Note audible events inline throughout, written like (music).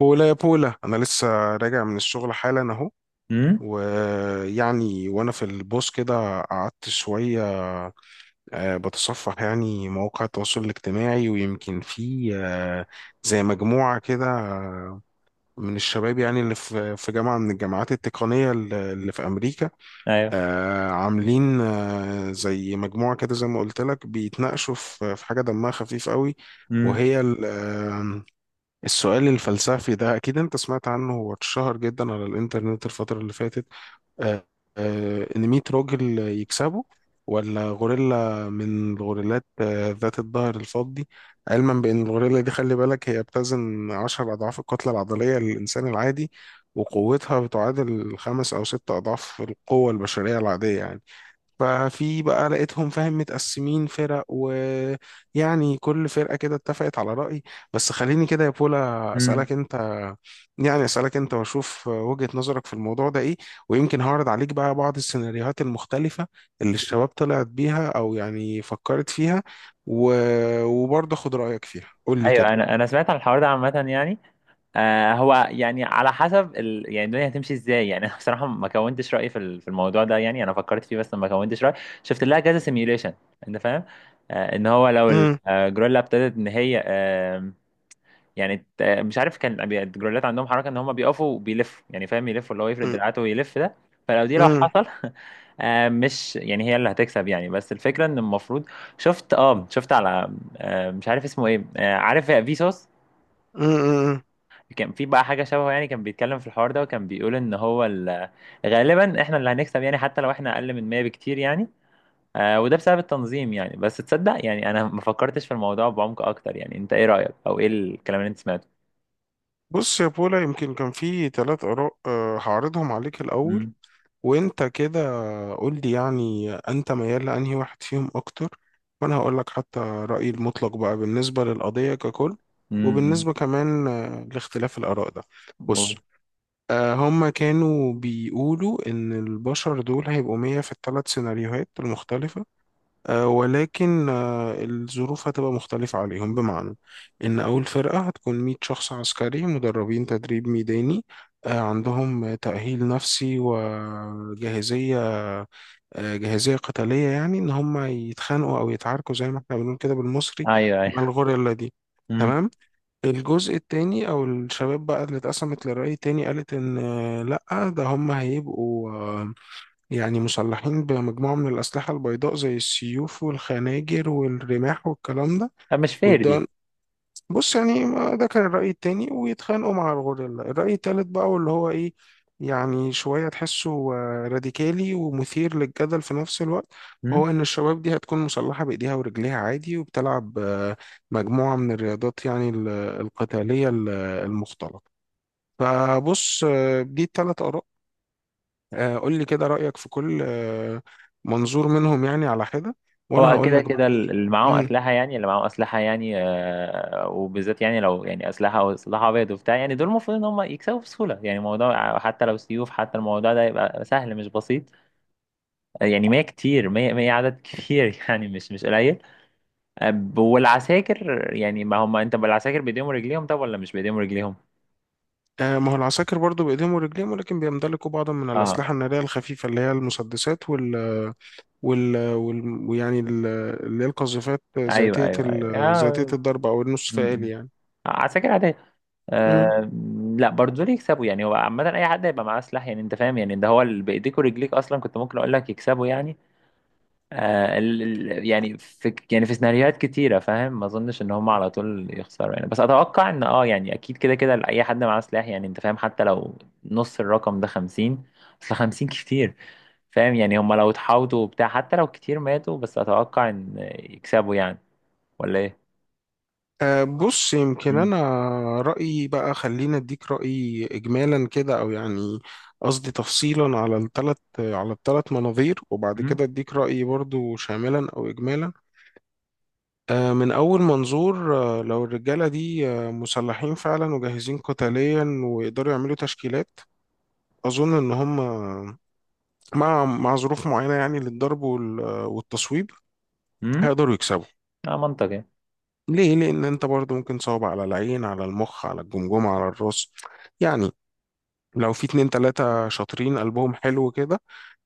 بولا يا بولا، انا لسه راجع من الشغل حالا اهو. امم. وانا في البوس كده قعدت شويه، بتصفح مواقع التواصل الاجتماعي، ويمكن في زي مجموعه كده من الشباب، يعني اللي في جامعه من الجامعات التقنيه اللي في امريكا، ايوه. عاملين زي مجموعه كده، زي ما قلت لك بيتناقشوا في حاجه دمها خفيف قوي. امم. وهي السؤال الفلسفي ده، أكيد أنت سمعت عنه، هو اتشهر جدا على الإنترنت الفترة اللي فاتت. آه، إن 100 راجل يكسبوا ولا غوريلا من الغوريلات ذات الظهر الفضي. علما بأن الغوريلا دي، خلي بالك، هي بتزن 10 أضعاف الكتلة العضلية للإنسان العادي، وقوتها بتعادل خمس أو ست أضعاف القوة البشرية العادية يعني. ففي بقى لقيتهم فاهم، متقسمين فرق، ويعني كل فرقة كده اتفقت على رأي. بس خليني كده يا بولا أسألك امم. أنت، يعني أسألك أنت وأشوف وجهة نظرك في الموضوع ده إيه. ويمكن هعرض عليك بقى بعض السيناريوهات المختلفة اللي الشباب طلعت بيها أو يعني فكرت فيها و... وبرضه خد رأيك فيها، قول لي كده. ايوه. انا سمعت عن الحوار ده عامه يعني. هو يعني على حسب يعني الدنيا هتمشي ازاي يعني (laughs) انا بصراحه ما كونتش رايي في الموضوع ده يعني. انا فكرت فيه بس ما كونتش رايي. شفت لها كذا سيميوليشن. انت فاهم؟ ان هو لو مم، الجوريلا ابتدت ان هي. يعني مش عارف، كان الجرولات عندهم حركه ان هم بيقفوا وبيلفوا، يعني فاهم؟ يلفوا اللي هو يفرد مم، دراعاته ويلف ده. فلو دي لو مم، حصل (laughs) مش يعني هي اللي هتكسب يعني، بس الفكره ان المفروض. شفت على. مش عارف اسمه ايه. عارف فيسوس؟ مم، مم. كان في بقى حاجه شبهه يعني، كان بيتكلم في الحوار ده وكان بيقول ان هو غالبا احنا اللي هنكسب يعني، حتى لو احنا اقل من 100 بكتير يعني. وده بسبب التنظيم يعني. بس تصدق يعني انا ما فكرتش في الموضوع بعمق اكتر. يعني انت ايه رايك، او ايه الكلام اللي انت سمعته؟ بص يا بولا، يمكن كان في ثلاث آراء، هعرضهم عليك الأول، وانت كده قول لي يعني انت ميال لانهي واحد فيهم اكتر، وانا هقول لك حتى رأيي المطلق بقى بالنسبة للقضية ككل، امم. وبالنسبة كمان لاختلاف الآراء ده. بص، قول. هما كانوا بيقولوا ان البشر دول هيبقوا مية في الثلاث سيناريوهات المختلفة، ولكن الظروف هتبقى مختلفة عليهم، بمعنى إن أول فرقة هتكون 100 شخص عسكري مدربين تدريب ميداني، عندهم تأهيل نفسي وجاهزية، جاهزية قتالية، يعني إن هم يتخانقوا أو يتعاركوا زي ما إحنا بنقول كده بالمصري ايوه. ايوه. مع الغوريلا دي. امم. تمام. الجزء التاني أو الشباب بقى اللي اتقسمت لرأي تاني، قالت إن لأ، ده هم هيبقوا يعني مسلحين بمجموعة من الأسلحة البيضاء زي السيوف والخناجر والرماح والكلام ده، طب مش فير دي. ويبدأوا، بص يعني ده كان الرأي التاني، ويتخانقوا مع الغوريلا. الرأي التالت بقى واللي هو إيه، يعني شوية تحسه راديكالي ومثير للجدل في نفس الوقت، امم. وهو إن الشباب دي هتكون مسلحة بإيديها ورجليها عادي، وبتلعب مجموعة من الرياضات، القتالية المختلطة. فبص، دي التلات آراء، قول لي كده رأيك في كل منظور منهم يعني على حدة، وانا هو هقول كده لك بقى كده ايه. اللي معاهم مم. اسلحه يعني اللي معاهم اسلحه يعني وبالذات يعني لو يعني اسلحه او سلاح ابيض وبتاع يعني. دول المفروض ان هم يكسبوا بسهوله يعني. الموضوع حتى لو سيوف، حتى الموضوع ده يبقى سهل مش بسيط. يعني 100 كتير، 100، 100، عدد كبير (laughs) يعني مش قليل. والعساكر يعني، ما هم انت بالعساكر بايديهم ورجليهم، طب ولا مش بايديهم ورجليهم؟ ما هو العساكر برضو بايديهم ورجليهم، ولكن بيمتلكوا بعضا من اه. الأسلحة النارية الخفيفة، اللي هي المسدسات وال وال وال- ويعني ال- اللي هي القذافات ايوه. ذاتية ايوه. ايوه. ذاتية آه. الضرب او م- النصف م. آلي عساكر عادية. يعني. لا برضه دول يكسبوا يعني. هو عامة أي حد هيبقى معاه سلاح، يعني أنت فاهم؟ يعني ده هو، اللي بإيديك ورجليك أصلا كنت ممكن أقول لك يكسبوا يعني. ال ال يعني في سيناريوهات كتيرة، فاهم؟ ما أظنش إن هم على طول يخسروا يعني. بس أتوقع إن يعني أكيد كده كده أي حد معاه سلاح، يعني أنت فاهم، حتى لو نص الرقم ده خمسين. أصل خمسين كتير، فاهم يعني؟ هم لو اتحاوطوا وبتاع، حتى لو كتير ماتوا، بس أتوقع إن يكسبوا يعني. ولا إيه؟ أه، بص، يمكن مم. أنا رأيي بقى، خلينا أديك رأيي إجمالا كده، أو يعني قصدي تفصيلا على الثلاث، على الثلاث مناظير، وبعد مم. كده أديك رأيي برضو شاملا أو إجمالا. أه، من أول منظور، أه، لو الرجالة دي أه، مسلحين فعلا وجاهزين قتاليا، ويقدروا يعملوا تشكيلات، أظن إن هم مع ظروف معينة يعني للضرب والتصويب، مم. هيقدروا يكسبوا. اه، منطقي. ليه؟ لأن أنت برضو ممكن تصوب على العين، على المخ، على الجمجمة، على الراس يعني. لو في اتنين تلاتة شاطرين قلبهم حلو كده،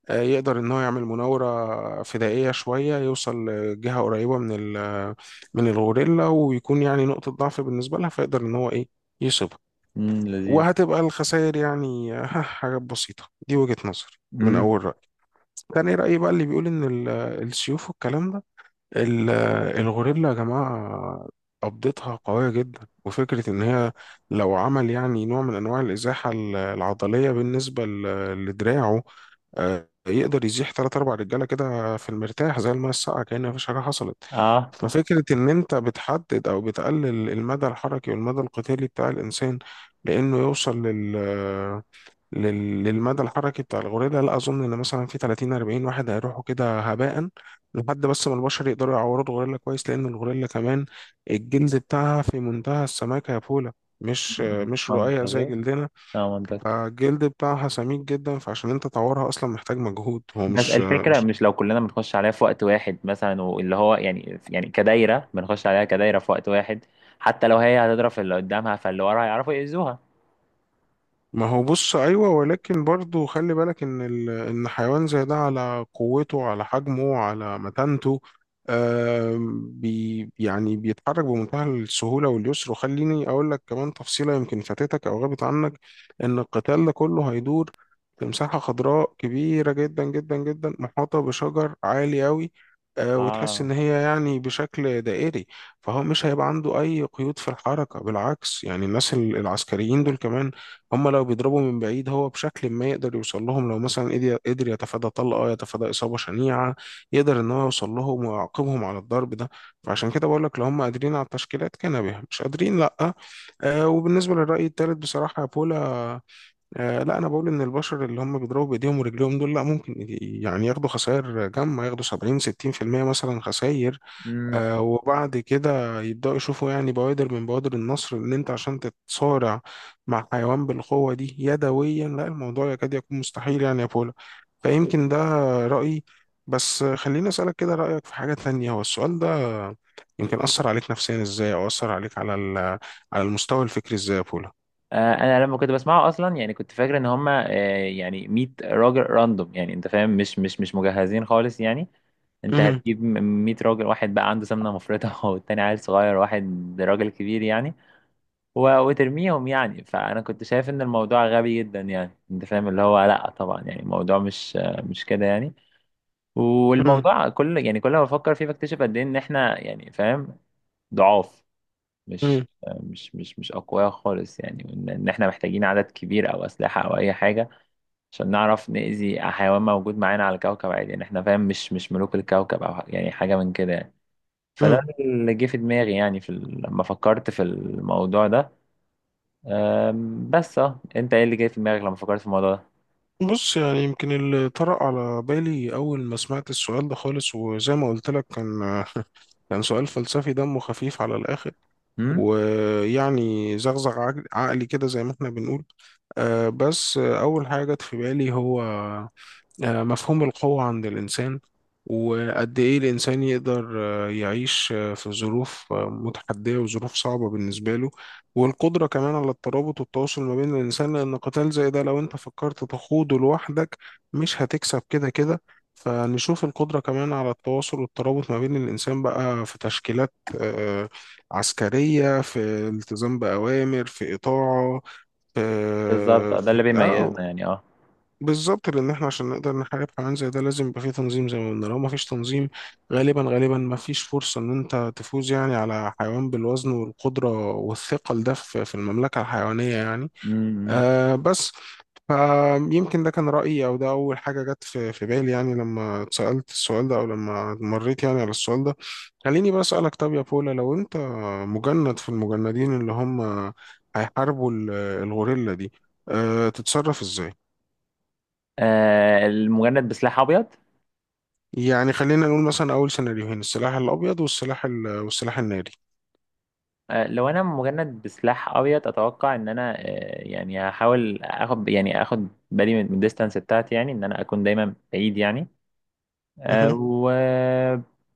يقدر ان هو يعمل مناورة فدائية شوية، يوصل لجهة قريبة من ال من الغوريلا، ويكون يعني نقطة ضعف بالنسبة لها، فيقدر ان هو ايه، يصيبها. امم، لذيذ. وهتبقى الخسائر يعني (laughs) حاجات بسيطة. دي وجهة نظر من مم. اول رأي. تاني رأي بقى، اللي بيقول ان السيوف والكلام ده، ال- الغوريلا يا جماعة قبضتها قوية جدا، وفكرة إن هي لو عمل يعني نوع من أنواع الإزاحة العضلية بالنسبة لدراعه، يقدر يزيح تلات أربع رجالة كده في المرتاح، زي الماء الساقعة، كأن مفيش حاجة حصلت. اه، ففكرة إن أنت بتحدد أو بتقلل المدى الحركي والمدى القتالي بتاع الإنسان، لأنه يوصل للمدى الحركي بتاع الغوريلا، لا اظن ان مثلا في 30 40 واحد هيروحوا كده هباء لحد بس ما البشر يقدروا يعوروا الغوريلا كويس، لان الغوريلا كمان الجلد بتاعها في منتهى السماكه يا بولا، مش رقيق زي منطقي. جلدنا. اه، منطقي. فالجلد بتاعها سميك جدا، فعشان انت تعورها اصلا محتاج مجهود، هو بس مش، الفكرة، مش لو كلنا بنخش عليها في وقت واحد مثلا، واللي هو يعني كدايرة، بنخش عليها كدايرة في وقت واحد. حتى لو هي هتضرب في اللي قدامها، فاللي ورا هيعرفوا يأذوها. ما هو بص ايوه، ولكن برضو خلي بالك ان ان حيوان زي ده على قوته، على حجمه، على متانته، يعني بيتحرك بمنتهى السهوله واليسر. وخليني اقول لك كمان تفصيله يمكن فاتتك او غابت عنك، ان القتال ده كله هيدور في مساحه خضراء كبيره جدا جدا جدا، محاطه بشجر عالي قوي، وتحس اه. ان هي يعني بشكل دائري. فهو مش هيبقى عنده اي قيود في الحركه، بالعكس يعني. الناس العسكريين دول كمان، هم لو بيضربوا من بعيد هو بشكل ما يقدر يوصل لهم. لو مثلا قدر يتفادى طلقة، يتفادى إصابة شنيعة، يقدر إن هو يوصل لهم ويعاقبهم على الضرب ده. فعشان كده بقول لك لو هم قادرين على التشكيلات كان بها، مش قادرين لأ. آه، وبالنسبة للرأي الثالث، بصراحة يا بولا، آه، لا، أنا بقول إن البشر اللي هم بيضربوا بإيديهم ورجليهم دول، لأ، ممكن يعني ياخدوا خسائر جامة، ياخدوا 70 60% مثلا خسائر، امم. وبعد كده يبدأوا يشوفوا يعني بوادر من بوادر النصر. ان انت عشان تتصارع مع حيوان بالقوة دي يدويا، لا، الموضوع يكاد يكون مستحيل يعني يا بولا. فيمكن ده رأيي. بس خليني أسألك كده رأيك في حاجة تانية، هو السؤال ده يمكن أثر عليك نفسيا ازاي، او أثر عليك على على المستوى الفكري ازاي يا بولا؟ انا لما كنت بسمعه اصلا، يعني كنت فاكر ان هما يعني 100 راجل راندوم، يعني انت فاهم؟ مش مش مجهزين خالص يعني. انت مهم. هتجيب 100 راجل، واحد بقى عنده سمنة مفرطة (laughs) والتاني عيل صغير، واحد راجل كبير يعني، وترميهم يعني. فانا كنت شايف ان الموضوع غبي جدا، يعني انت فاهم؟ اللي هو لا طبعا، يعني الموضوع مش كده يعني. مهم. والموضوع كل يعني كل ما بفكر فيه بكتشف قد ايه ان احنا، يعني فاهم، ضعاف. مش مهم. مش اقوياء خالص يعني. وان احنا محتاجين عدد كبير او اسلحه او اي حاجه عشان نعرف نأذي حيوان موجود معانا على الكوكب عادي يعني. احنا فاهم، مش ملوك الكوكب او يعني حاجه من كده يعني. فده مهم. اللي جه في دماغي يعني لما فكرت في الموضوع ده. بس انت ايه اللي جاي في دماغك لما فكرت في الموضوع ده؟ بص، يعني يمكن اللي طرأ على بالي أول ما سمعت السؤال ده خالص، وزي ما قلت لك، كان سؤال فلسفي دمه خفيف على الآخر، امم. زغزغ عقلي كده زي ما احنا بنقول. آه، بس آه، أول حاجة جت في بالي هو مفهوم القوة عند الإنسان، وقد إيه الإنسان يقدر يعيش في ظروف متحدية، وظروف صعبة بالنسبة له، والقدرة كمان على الترابط والتواصل ما بين الإنسان. لأن قتال زي ده لو أنت فكرت تخوضه لوحدك، مش هتكسب كده كده. فنشوف القدرة كمان على التواصل والترابط ما بين الإنسان بقى في تشكيلات آه، عسكرية، في التزام بأوامر، في إطاعة، بالظبط، في ده اللي في- آه، بيميزنا يعني. اه. بالظبط. لان احنا عشان نقدر نحارب حيوان زي ده لازم يبقى فيه تنظيم، زي ما قلنا لو ما فيش تنظيم، غالبا ما فيش فرصة ان انت تفوز يعني على حيوان بالوزن والقدرة والثقل ده في في المملكة الحيوانية يعني. امم. آه بس، فيمكن ده كان رأيي، او ده اول حاجة جت في في بالي، يعني لما اتسألت السؤال ده او لما مريت يعني على السؤال ده. خليني بقى اسألك، طب يا بولا، لو انت مجند في المجندين اللي هم هيحاربوا الغوريلا دي، أه تتصرف ازاي؟ المجند بسلاح ابيض؟ يعني خلينا نقول مثلا أول سيناريوهين، السلاح الأبيض والسلاح الناري. لو انا مجند بسلاح ابيض، اتوقع ان انا يعني هحاول اخد بالي من الديستانس بتاعتي يعني، ان انا اكون دايما بعيد يعني. آه مهم. و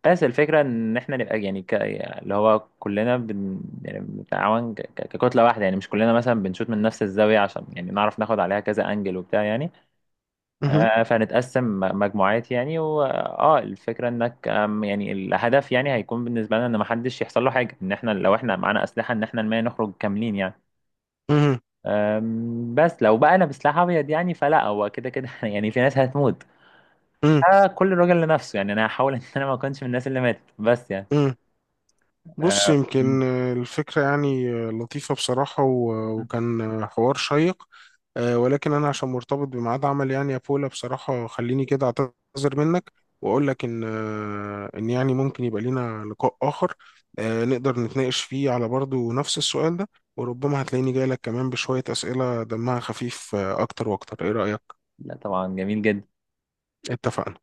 بس الفكره ان احنا نبقى يعني، اللي هو كلنا، يعني بنتعاون، ككتله واحده يعني. مش كلنا مثلا بنشوط من نفس الزاويه، عشان يعني نعرف ناخد عليها كذا انجل وبتاع يعني. مهم. فهنتقسم مجموعات يعني، الفكره انك يعني الهدف، يعني هيكون بالنسبه لنا ان محدش يحصل له حاجه، ان احنا لو احنا معانا اسلحه، ان احنا المية نخرج كاملين يعني. مهم. بس لو بقى انا بسلاح ابيض يعني، فلا، هو كده كده (laughs) يعني في ناس هتموت. مهم. فكل راجل لنفسه يعني. انا هحاول ان انا ما اكونش من الناس اللي ماتت بس يعني. مهم. بص، آه، م- يمكن الفكرة يعني لطيفة بصراحة م- وكان حوار شيق، ولكن أنا عشان مرتبط بميعاد عمل يعني يا بولا، بصراحة خليني كده أعتذر منك، وأقول لك إن يعني ممكن يبقى لينا لقاء آخر، نقدر نتناقش فيه على برضه نفس السؤال ده، وربما هتلاقيني جاي لك كمان بشوية أسئلة دمها خفيف أكتر وأكتر. إيه رأيك؟ لا طبعا، جميل جدا. اتفقنا.